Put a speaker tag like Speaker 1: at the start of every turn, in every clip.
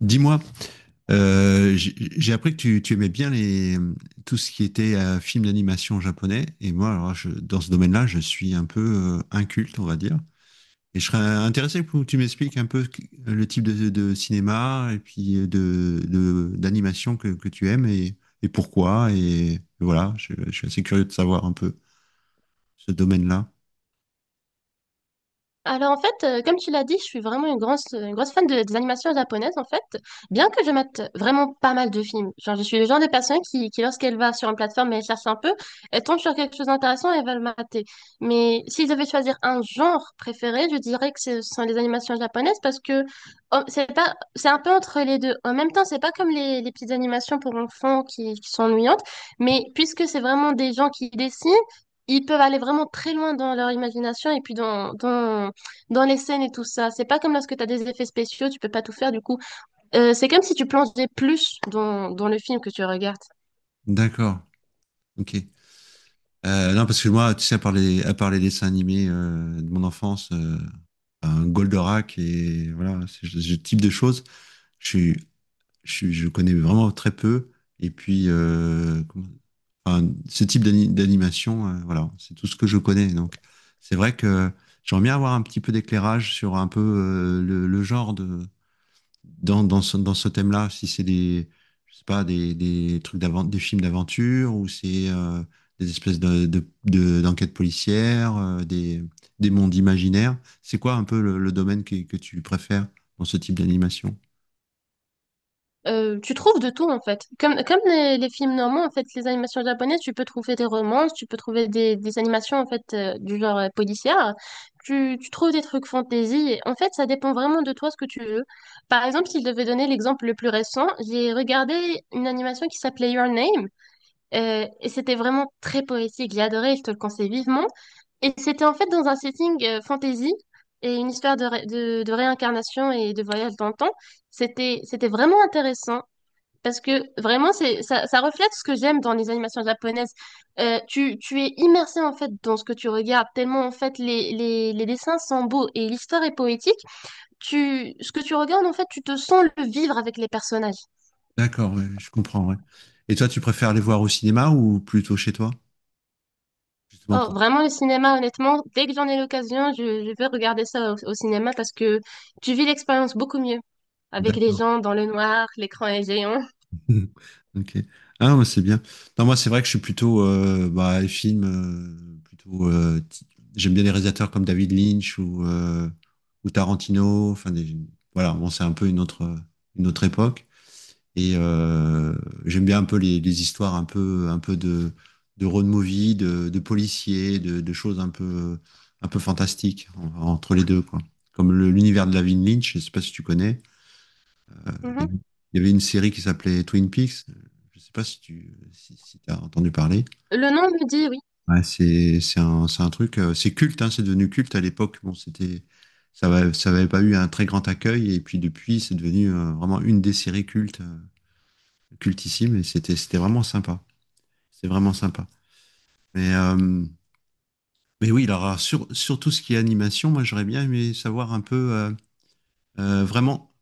Speaker 1: Dis-moi, j'ai appris que tu aimais bien tout ce qui était film d'animation japonais. Et moi, alors, dans ce domaine-là, je suis un peu inculte, on va dire. Et je serais intéressé pour que tu m'expliques un peu le type de cinéma et puis d'animation que tu aimes et pourquoi. Et voilà, je suis assez curieux de savoir un peu ce domaine-là.
Speaker 2: Alors en fait, comme tu l'as dit, je suis vraiment une grosse fan des animations japonaises en fait, bien que je mette vraiment pas mal de films. Genre je suis le genre de personne qui lorsqu'elle va sur une plateforme et elle cherche un peu, elle tombe sur quelque chose d'intéressant et elle va le mater. Mais si je devais choisir un genre préféré, je dirais que ce sont les animations japonaises parce que oh, c'est pas, c'est un peu entre les deux. En même temps, c'est pas comme les petites animations pour enfants qui sont ennuyantes, mais puisque c'est vraiment des gens qui dessinent. Ils peuvent aller vraiment très loin dans leur imagination et puis dans les scènes et tout ça. C'est pas comme lorsque tu as des effets spéciaux, tu peux pas tout faire du coup. C'est comme si tu plongeais plus dans le film que tu regardes.
Speaker 1: D'accord, ok. Non, parce que moi, tu sais, à part les dessins animés de mon enfance, un Goldorak et voilà, ce type de choses, je, suis- je connais vraiment très peu. Et puis, enfin, ce type d'animation, voilà, c'est tout ce que je connais. Donc, c'est vrai que j'aimerais bien avoir un petit peu d'éclairage sur un peu le genre dans ce thème-là, si c'est je sais pas, des trucs des films d'aventure ou c'est des espèces d'enquêtes policières, des mondes imaginaires. C'est quoi un peu le domaine que tu préfères dans ce type d'animation?
Speaker 2: Tu trouves de tout en fait. Comme les films normands, en fait, les animations japonaises, tu peux trouver des romances, tu peux trouver des animations en fait du genre policière. Tu trouves des trucs fantasy. En fait, ça dépend vraiment de toi ce que tu veux. Par exemple, si je devais donner l'exemple le plus récent, j'ai regardé une animation qui s'appelait Your Name. Et c'était vraiment très poétique, j'ai adoré, je te le conseille vivement. Et c'était en fait dans un setting fantasy et une histoire de réincarnation et de voyage dans le temps. C'était vraiment intéressant. Parce que vraiment, ça reflète ce que j'aime dans les animations japonaises. Tu es immersé en fait dans ce que tu regardes, tellement en fait les dessins sont beaux et l'histoire est poétique. Ce que tu regardes en fait, tu te sens le vivre avec les personnages.
Speaker 1: D'accord, ouais, je comprends, ouais. Et toi, tu préfères les voir au cinéma ou plutôt chez toi, justement
Speaker 2: Oh,
Speaker 1: pour...
Speaker 2: vraiment le cinéma, honnêtement, dès que j'en ai l'occasion, je vais regarder ça au cinéma parce que tu vis l'expérience beaucoup mieux avec les
Speaker 1: D'accord.
Speaker 2: gens dans le noir, l'écran est géant.
Speaker 1: Mhm. Ok. Ah, moi, c'est bien. Non, moi, c'est vrai que je suis plutôt bah, les films, plutôt. J'aime bien les réalisateurs comme David Lynch ou Tarantino. Voilà, bon, c'est un peu une autre époque. Et j'aime bien un peu les histoires un peu de road movie, de policiers, de choses un peu fantastiques entre les deux, quoi. Comme l'univers de David Lynch, je sais pas si tu connais. Il
Speaker 2: Mhm.
Speaker 1: y avait une série qui s'appelait Twin Peaks. Je ne sais pas si tu si, si as entendu parler.
Speaker 2: Le nom me dit oui.
Speaker 1: Ouais, c'est un truc, c'est culte, hein, c'est devenu culte à l'époque. Bon, ça n'avait pas eu un très grand accueil et puis depuis, c'est devenu vraiment une des séries cultes, cultissime et c'était vraiment sympa. C'est vraiment sympa. Mais euh, mais oui, alors sur sur tout ce qui est animation, moi j'aurais bien aimé savoir un peu vraiment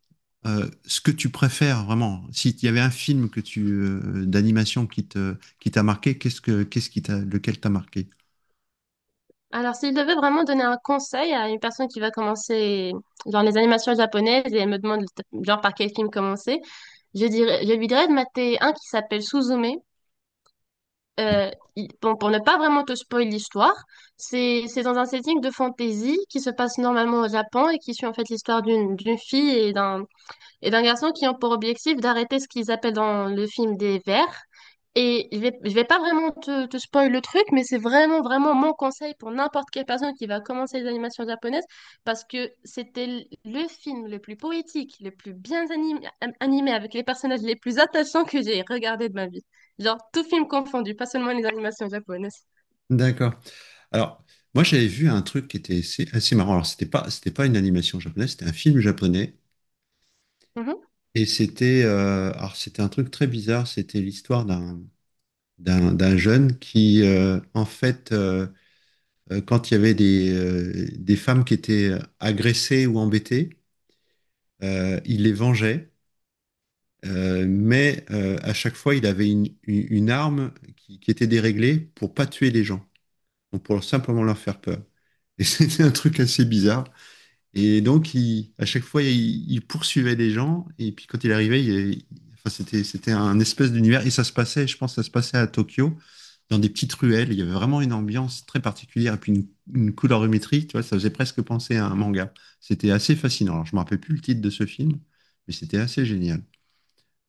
Speaker 1: ce que tu préfères vraiment. S'il y avait un film que tu, d'animation qui t'a marqué, qu'est-ce qui t'a lequel t'a marqué?
Speaker 2: Alors, s'il devait vraiment donner un conseil à une personne qui va commencer dans les animations japonaises et elle me demande genre par quel film commencer, je lui dirais de mater un qui s'appelle Suzume. Euh, bon, pour ne pas vraiment te spoiler l'histoire, c'est dans un setting de fantasy qui se passe normalement au Japon et qui suit en fait l'histoire d'une fille et d'un garçon qui ont pour objectif d'arrêter ce qu'ils appellent dans le film des vers. Et je vais pas vraiment te spoil le truc, mais vraiment mon conseil pour n'importe quelle personne qui va commencer les animations japonaises, parce que c'était le film le plus poétique, le plus bien animé, avec les personnages les plus attachants que j'ai regardé de ma vie. Genre, tout film confondu, pas seulement les animations japonaises.
Speaker 1: D'accord. Alors, moi, j'avais vu un truc qui était assez, assez marrant. Alors, c'était pas une animation japonaise, c'était un film japonais.
Speaker 2: Mhm.
Speaker 1: Et c'était un truc très bizarre. C'était l'histoire d'un jeune qui, quand il y avait des femmes qui étaient agressées ou embêtées, il les vengeait. Mais à chaque fois, il avait une arme qui était déréglée pour pas tuer les gens, donc pour simplement leur faire peur. Et c'était un truc assez bizarre. Et donc, à chaque fois, il poursuivait les gens. Et puis, quand il arrivait, c'était, c'était un espèce d'univers. Et ça se passait, je pense, que ça se passait à Tokyo, dans des petites ruelles. Il y avait vraiment une ambiance très particulière. Et puis, une colorimétrie, tu vois, ça faisait presque penser à un manga. C'était assez fascinant. Alors, je me rappelle plus le titre de ce film, mais c'était assez génial.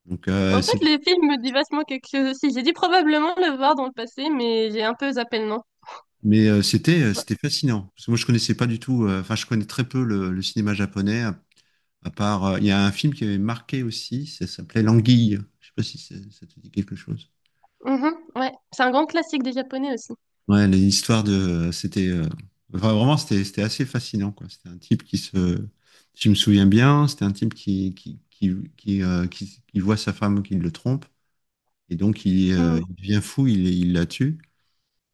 Speaker 1: Donc,
Speaker 2: En fait,
Speaker 1: c'est.
Speaker 2: le film me dit vachement quelque chose aussi. J'ai dû probablement le voir dans le passé, mais j'ai un peu zappé le nom.
Speaker 1: Mais c'était fascinant. Parce que moi, je connaissais pas du tout, enfin, je connais très peu le cinéma japonais, à part, il y a un film qui avait marqué aussi, ça s'appelait L'Anguille. Je sais pas si ça te dit quelque chose.
Speaker 2: Mhm, ouais, c'est un grand classique des Japonais aussi.
Speaker 1: Ouais, l'histoire de, enfin, vraiment, c'était assez fascinant, quoi. C'était un type qui se, Si je me souviens bien, c'était un type qui, qui voit sa femme qui le trompe, et donc
Speaker 2: Mhm,
Speaker 1: il devient fou, il la tue,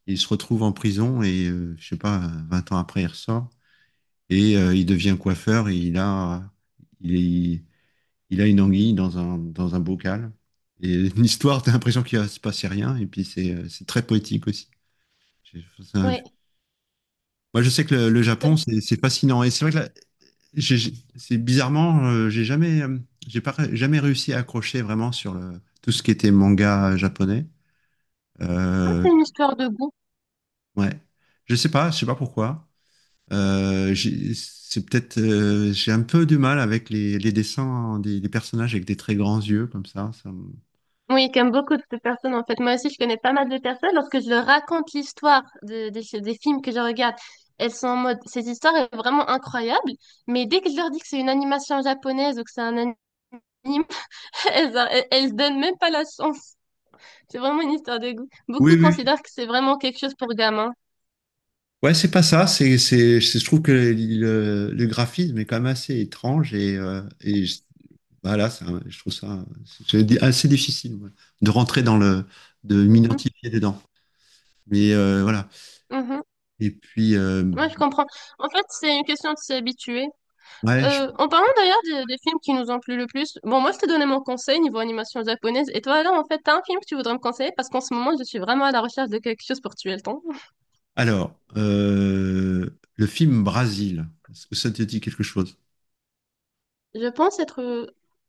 Speaker 1: et il se retrouve en prison, et je sais pas, 20 ans après, il ressort. Et il devient coiffeur, et il, est- il a une anguille dans un bocal. Et l'histoire, t'as l'impression qu'il va se passer rien, et puis c'est très poétique aussi. J'ai- c'est un-
Speaker 2: ouais,
Speaker 1: Moi, je sais que le
Speaker 2: c'est
Speaker 1: Japon, c'est fascinant. Et c'est vrai que là, j'ai- c'est bizarrement, j'ai jamais, j'ai pas jamais réussi à accrocher vraiment sur tout ce qui était manga japonais. Euh,
Speaker 2: c'est une histoire de goût.
Speaker 1: ouais, je sais pas pourquoi. C'est peut-être, j'ai un peu du mal avec les dessins des personnages avec des très grands yeux comme ça.
Speaker 2: Oui, comme beaucoup de personnes en fait. Moi aussi, je connais pas mal de personnes. Lorsque je leur raconte des films que je regarde, elles sont en mode, cette histoire est vraiment incroyable. Mais dès que je leur dis que c'est une animation japonaise ou que c'est un anime, elles donnent même pas la chance. C'est vraiment une histoire de goût.
Speaker 1: Oui,
Speaker 2: Beaucoup
Speaker 1: oui.
Speaker 2: considèrent que c'est vraiment quelque chose pour gamins.
Speaker 1: Ouais, c'est pas ça. Je trouve que le graphisme est quand même assez étrange et je trouve ça assez difficile ouais, de rentrer dans le, de
Speaker 2: Mhm,
Speaker 1: m'identifier dedans. Mais voilà.
Speaker 2: mhm.
Speaker 1: Et puis,
Speaker 2: Moi, je comprends. En fait, c'est une question de s'y habituer.
Speaker 1: ouais.
Speaker 2: En parlant d'ailleurs des films qui nous ont plu le plus, bon, moi je t'ai donné mon conseil niveau animation japonaise, et toi alors en fait, t'as un film que tu voudrais me conseiller parce qu'en ce moment je suis vraiment à la recherche de quelque chose pour tuer le temps.
Speaker 1: Alors, le film Brasil, est-ce que ça te dit quelque chose?
Speaker 2: Je pense être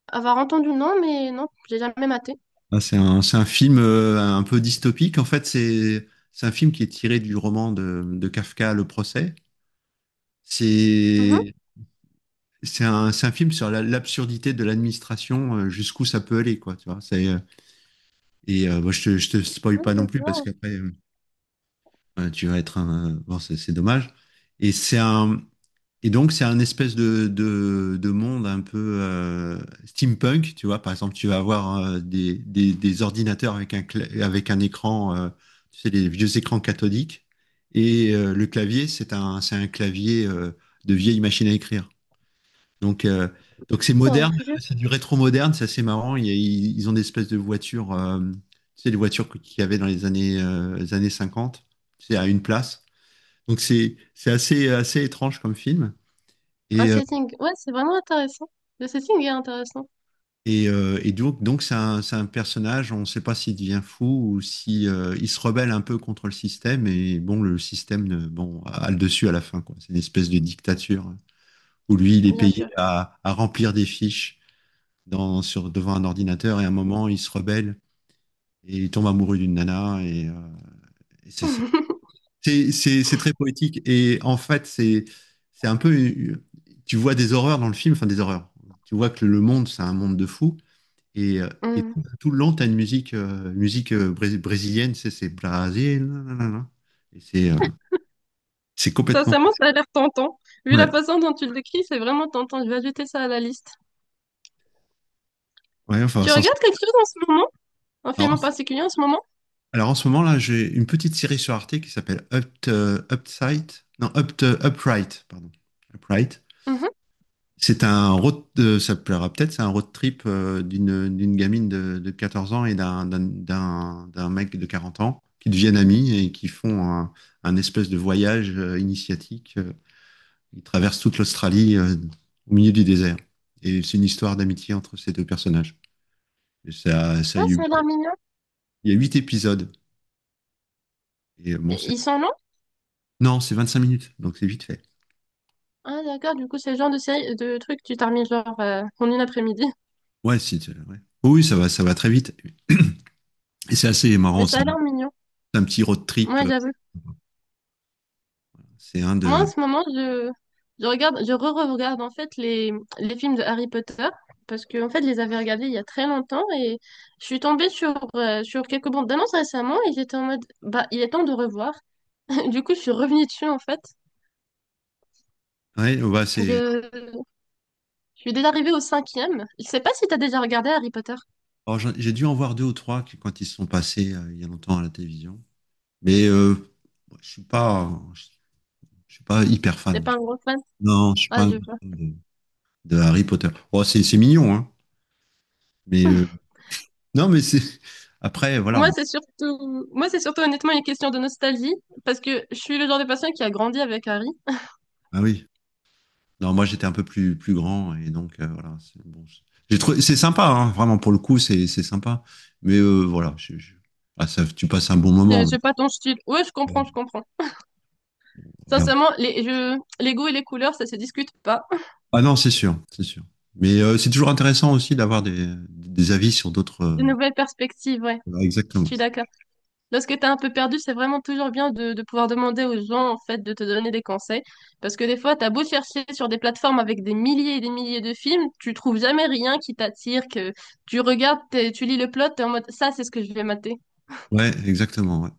Speaker 2: avoir entendu le nom, mais non, j'ai jamais maté.
Speaker 1: Ah, c'est un film un peu dystopique. En fait, c'est un film qui est tiré du roman de Kafka, Le procès.
Speaker 2: Mhm.
Speaker 1: C'est c'est c'est un film sur l'absurdité de l'administration, jusqu'où ça peut aller, quoi. Tu vois, c'est et bon, je te spoil pas non plus parce
Speaker 2: Wow.
Speaker 1: qu'après tu vas être un bon, c'est dommage. Et c'est un Et donc, c'est un espèce de monde un peu steampunk, tu vois. Par exemple, tu vas avoir des ordinateurs avec un, avec un écran, tu sais, les vieux écrans cathodiques. Et le clavier, c'est un clavier de vieille machine à écrire. Donc, euh, donc c'est
Speaker 2: Oh,
Speaker 1: moderne,
Speaker 2: je-
Speaker 1: c'est du rétro-moderne, c'est assez marrant. Ils ont des espèces de voitures, tu sais, les voitures qu'il y avait dans les années 50, tu sais, à une place. Donc, c'est assez, assez étrange comme film.
Speaker 2: Un
Speaker 1: Et, euh,
Speaker 2: setting, ouais, c'est vraiment intéressant. Le setting est intéressant,
Speaker 1: Donc c'est c'est un personnage, on ne sait pas s'il devient fou ou si il se rebelle un peu contre le système. Et bon, le système a le dessus à la fin, quoi. C'est une espèce de dictature hein, où lui, il est
Speaker 2: bien
Speaker 1: payé
Speaker 2: sûr.
Speaker 1: à remplir des fiches devant un ordinateur. Et à un moment, il se rebelle et il tombe amoureux d'une nana. Et c'est ça. C'est très poétique. Et en fait, c'est un peu. Tu vois des horreurs dans le film, enfin des horreurs. Tu vois que le monde, c'est un monde de fous. Et, euh, et
Speaker 2: Mm.
Speaker 1: tout, tout le long, tu as une musique, musique brésilienne, c'est Brasil. Nanana. Et c'est complètement.
Speaker 2: Sincèrement, ça a l'air tentant. Vu
Speaker 1: Ouais,
Speaker 2: la façon dont tu le décris, c'est vraiment tentant. Je vais ajouter ça à la liste.
Speaker 1: ouais
Speaker 2: Tu regardes quelque chose en ce moment? Un film en
Speaker 1: Alors,
Speaker 2: particulier en ce moment?
Speaker 1: alors en ce moment, là, j'ai une petite série sur Arte qui s'appelle Up, Upside. Non, Up, Upright, pardon. Upright.
Speaker 2: Mhm.
Speaker 1: Ça te plaira peut-être, c'est un road trip d'une gamine de 14 ans et d'un mec de 40 ans qui deviennent amis et qui font un espèce de voyage initiatique il traverse toute l'Australie au milieu du désert. Et c'est une histoire d'amitié entre ces deux personnages. Et ça, ça a
Speaker 2: Ah,
Speaker 1: eu-
Speaker 2: ça a l'air mignon.
Speaker 1: il y a 8 épisodes. Et bon, c'est-
Speaker 2: Ils sont longs?
Speaker 1: non, c'est 25 minutes, donc c'est vite fait.
Speaker 2: Ah d'accord, du coup c'est le genre de série, de truc que tu termines genre en une après-midi.
Speaker 1: Ouais, si, tu- Ouais. Oh oui, ça va très vite. Et c'est assez
Speaker 2: Mais
Speaker 1: marrant,
Speaker 2: ça a l'air mignon.
Speaker 1: c'est un petit road trip.
Speaker 2: Moi j'avoue.
Speaker 1: C'est un
Speaker 2: Moi en
Speaker 1: de.
Speaker 2: ce moment Je regarde, je re-regarde en fait les films de Harry Potter parce que en fait je les avais regardés il y a très longtemps et je suis tombée sur, sur quelques bandes d'annonces récemment et j'étais en mode bah il est temps de revoir. Du coup je suis revenue dessus en fait.
Speaker 1: Ouais, ouais, bah, c'est.
Speaker 2: Je, je suis déjà arrivée au cinquième. Je sais pas si t'as déjà regardé Harry Potter.
Speaker 1: Alors, j'ai dû en voir deux ou trois quand ils sont passés il y a longtemps à la télévision. Mais je suis pas, je, je suis pas hyper
Speaker 2: T'es
Speaker 1: fan.
Speaker 2: pas un gros fan?
Speaker 1: Non, je suis pas
Speaker 2: Ah
Speaker 1: un
Speaker 2: je
Speaker 1: grand fan de Harry Potter. Oh, c'est mignon, hein. Mais non, mais c'est. Après,
Speaker 2: Moi,
Speaker 1: voilà.
Speaker 2: moi, c'est surtout honnêtement une question de nostalgie, parce que je suis le genre de personne qui a grandi avec Harry.
Speaker 1: Ah oui. Non, moi, j'étais un peu plus, plus grand. Et donc, voilà. C'est bon. C'est sympa, hein, vraiment, pour le coup, c'est sympa. Mais voilà. Ah, ça, tu passes un bon
Speaker 2: Je
Speaker 1: moment.
Speaker 2: sais pas ton style. Ouais, je
Speaker 1: Mais,
Speaker 2: comprends, je comprends.
Speaker 1: voilà.
Speaker 2: Sincèrement, les goûts et les couleurs, ça se discute pas.
Speaker 1: Ah non, c'est sûr. C'est sûr. Mais c'est toujours intéressant aussi d'avoir des avis sur d'autres.
Speaker 2: De nouvelles perspectives, ouais,
Speaker 1: Voilà,
Speaker 2: je
Speaker 1: exactement.
Speaker 2: suis d'accord. Lorsque t'es un peu perdu, c'est vraiment toujours bien de pouvoir demander aux gens, en fait, de te donner des conseils. Parce que des fois, t'as beau chercher sur des plateformes avec des milliers et des milliers de films, tu trouves jamais rien qui t'attire, que tu regardes, tu lis le plot, t'es en mode, ça, c'est ce que je vais mater.
Speaker 1: Ouais, exactement. Ouais,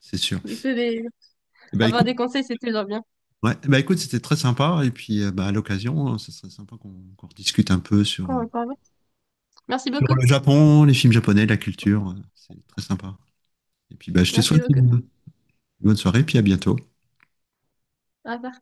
Speaker 1: c'est sûr.
Speaker 2: Du coup, des-
Speaker 1: Eh ben,
Speaker 2: Avoir
Speaker 1: écoute,
Speaker 2: des conseils, c'est toujours bien.
Speaker 1: ouais, eh ben, écoute, c'était très sympa. Et puis, bah, à l'occasion, hein, ce serait sympa qu'on rediscute un peu sur.
Speaker 2: Encore, encore. Merci
Speaker 1: Sur le
Speaker 2: beaucoup.
Speaker 1: Japon, les films japonais, la culture. C'est très sympa. Et puis, bah, je te
Speaker 2: Merci
Speaker 1: souhaite
Speaker 2: beaucoup.
Speaker 1: une bonne soirée, puis à bientôt.
Speaker 2: Au revoir.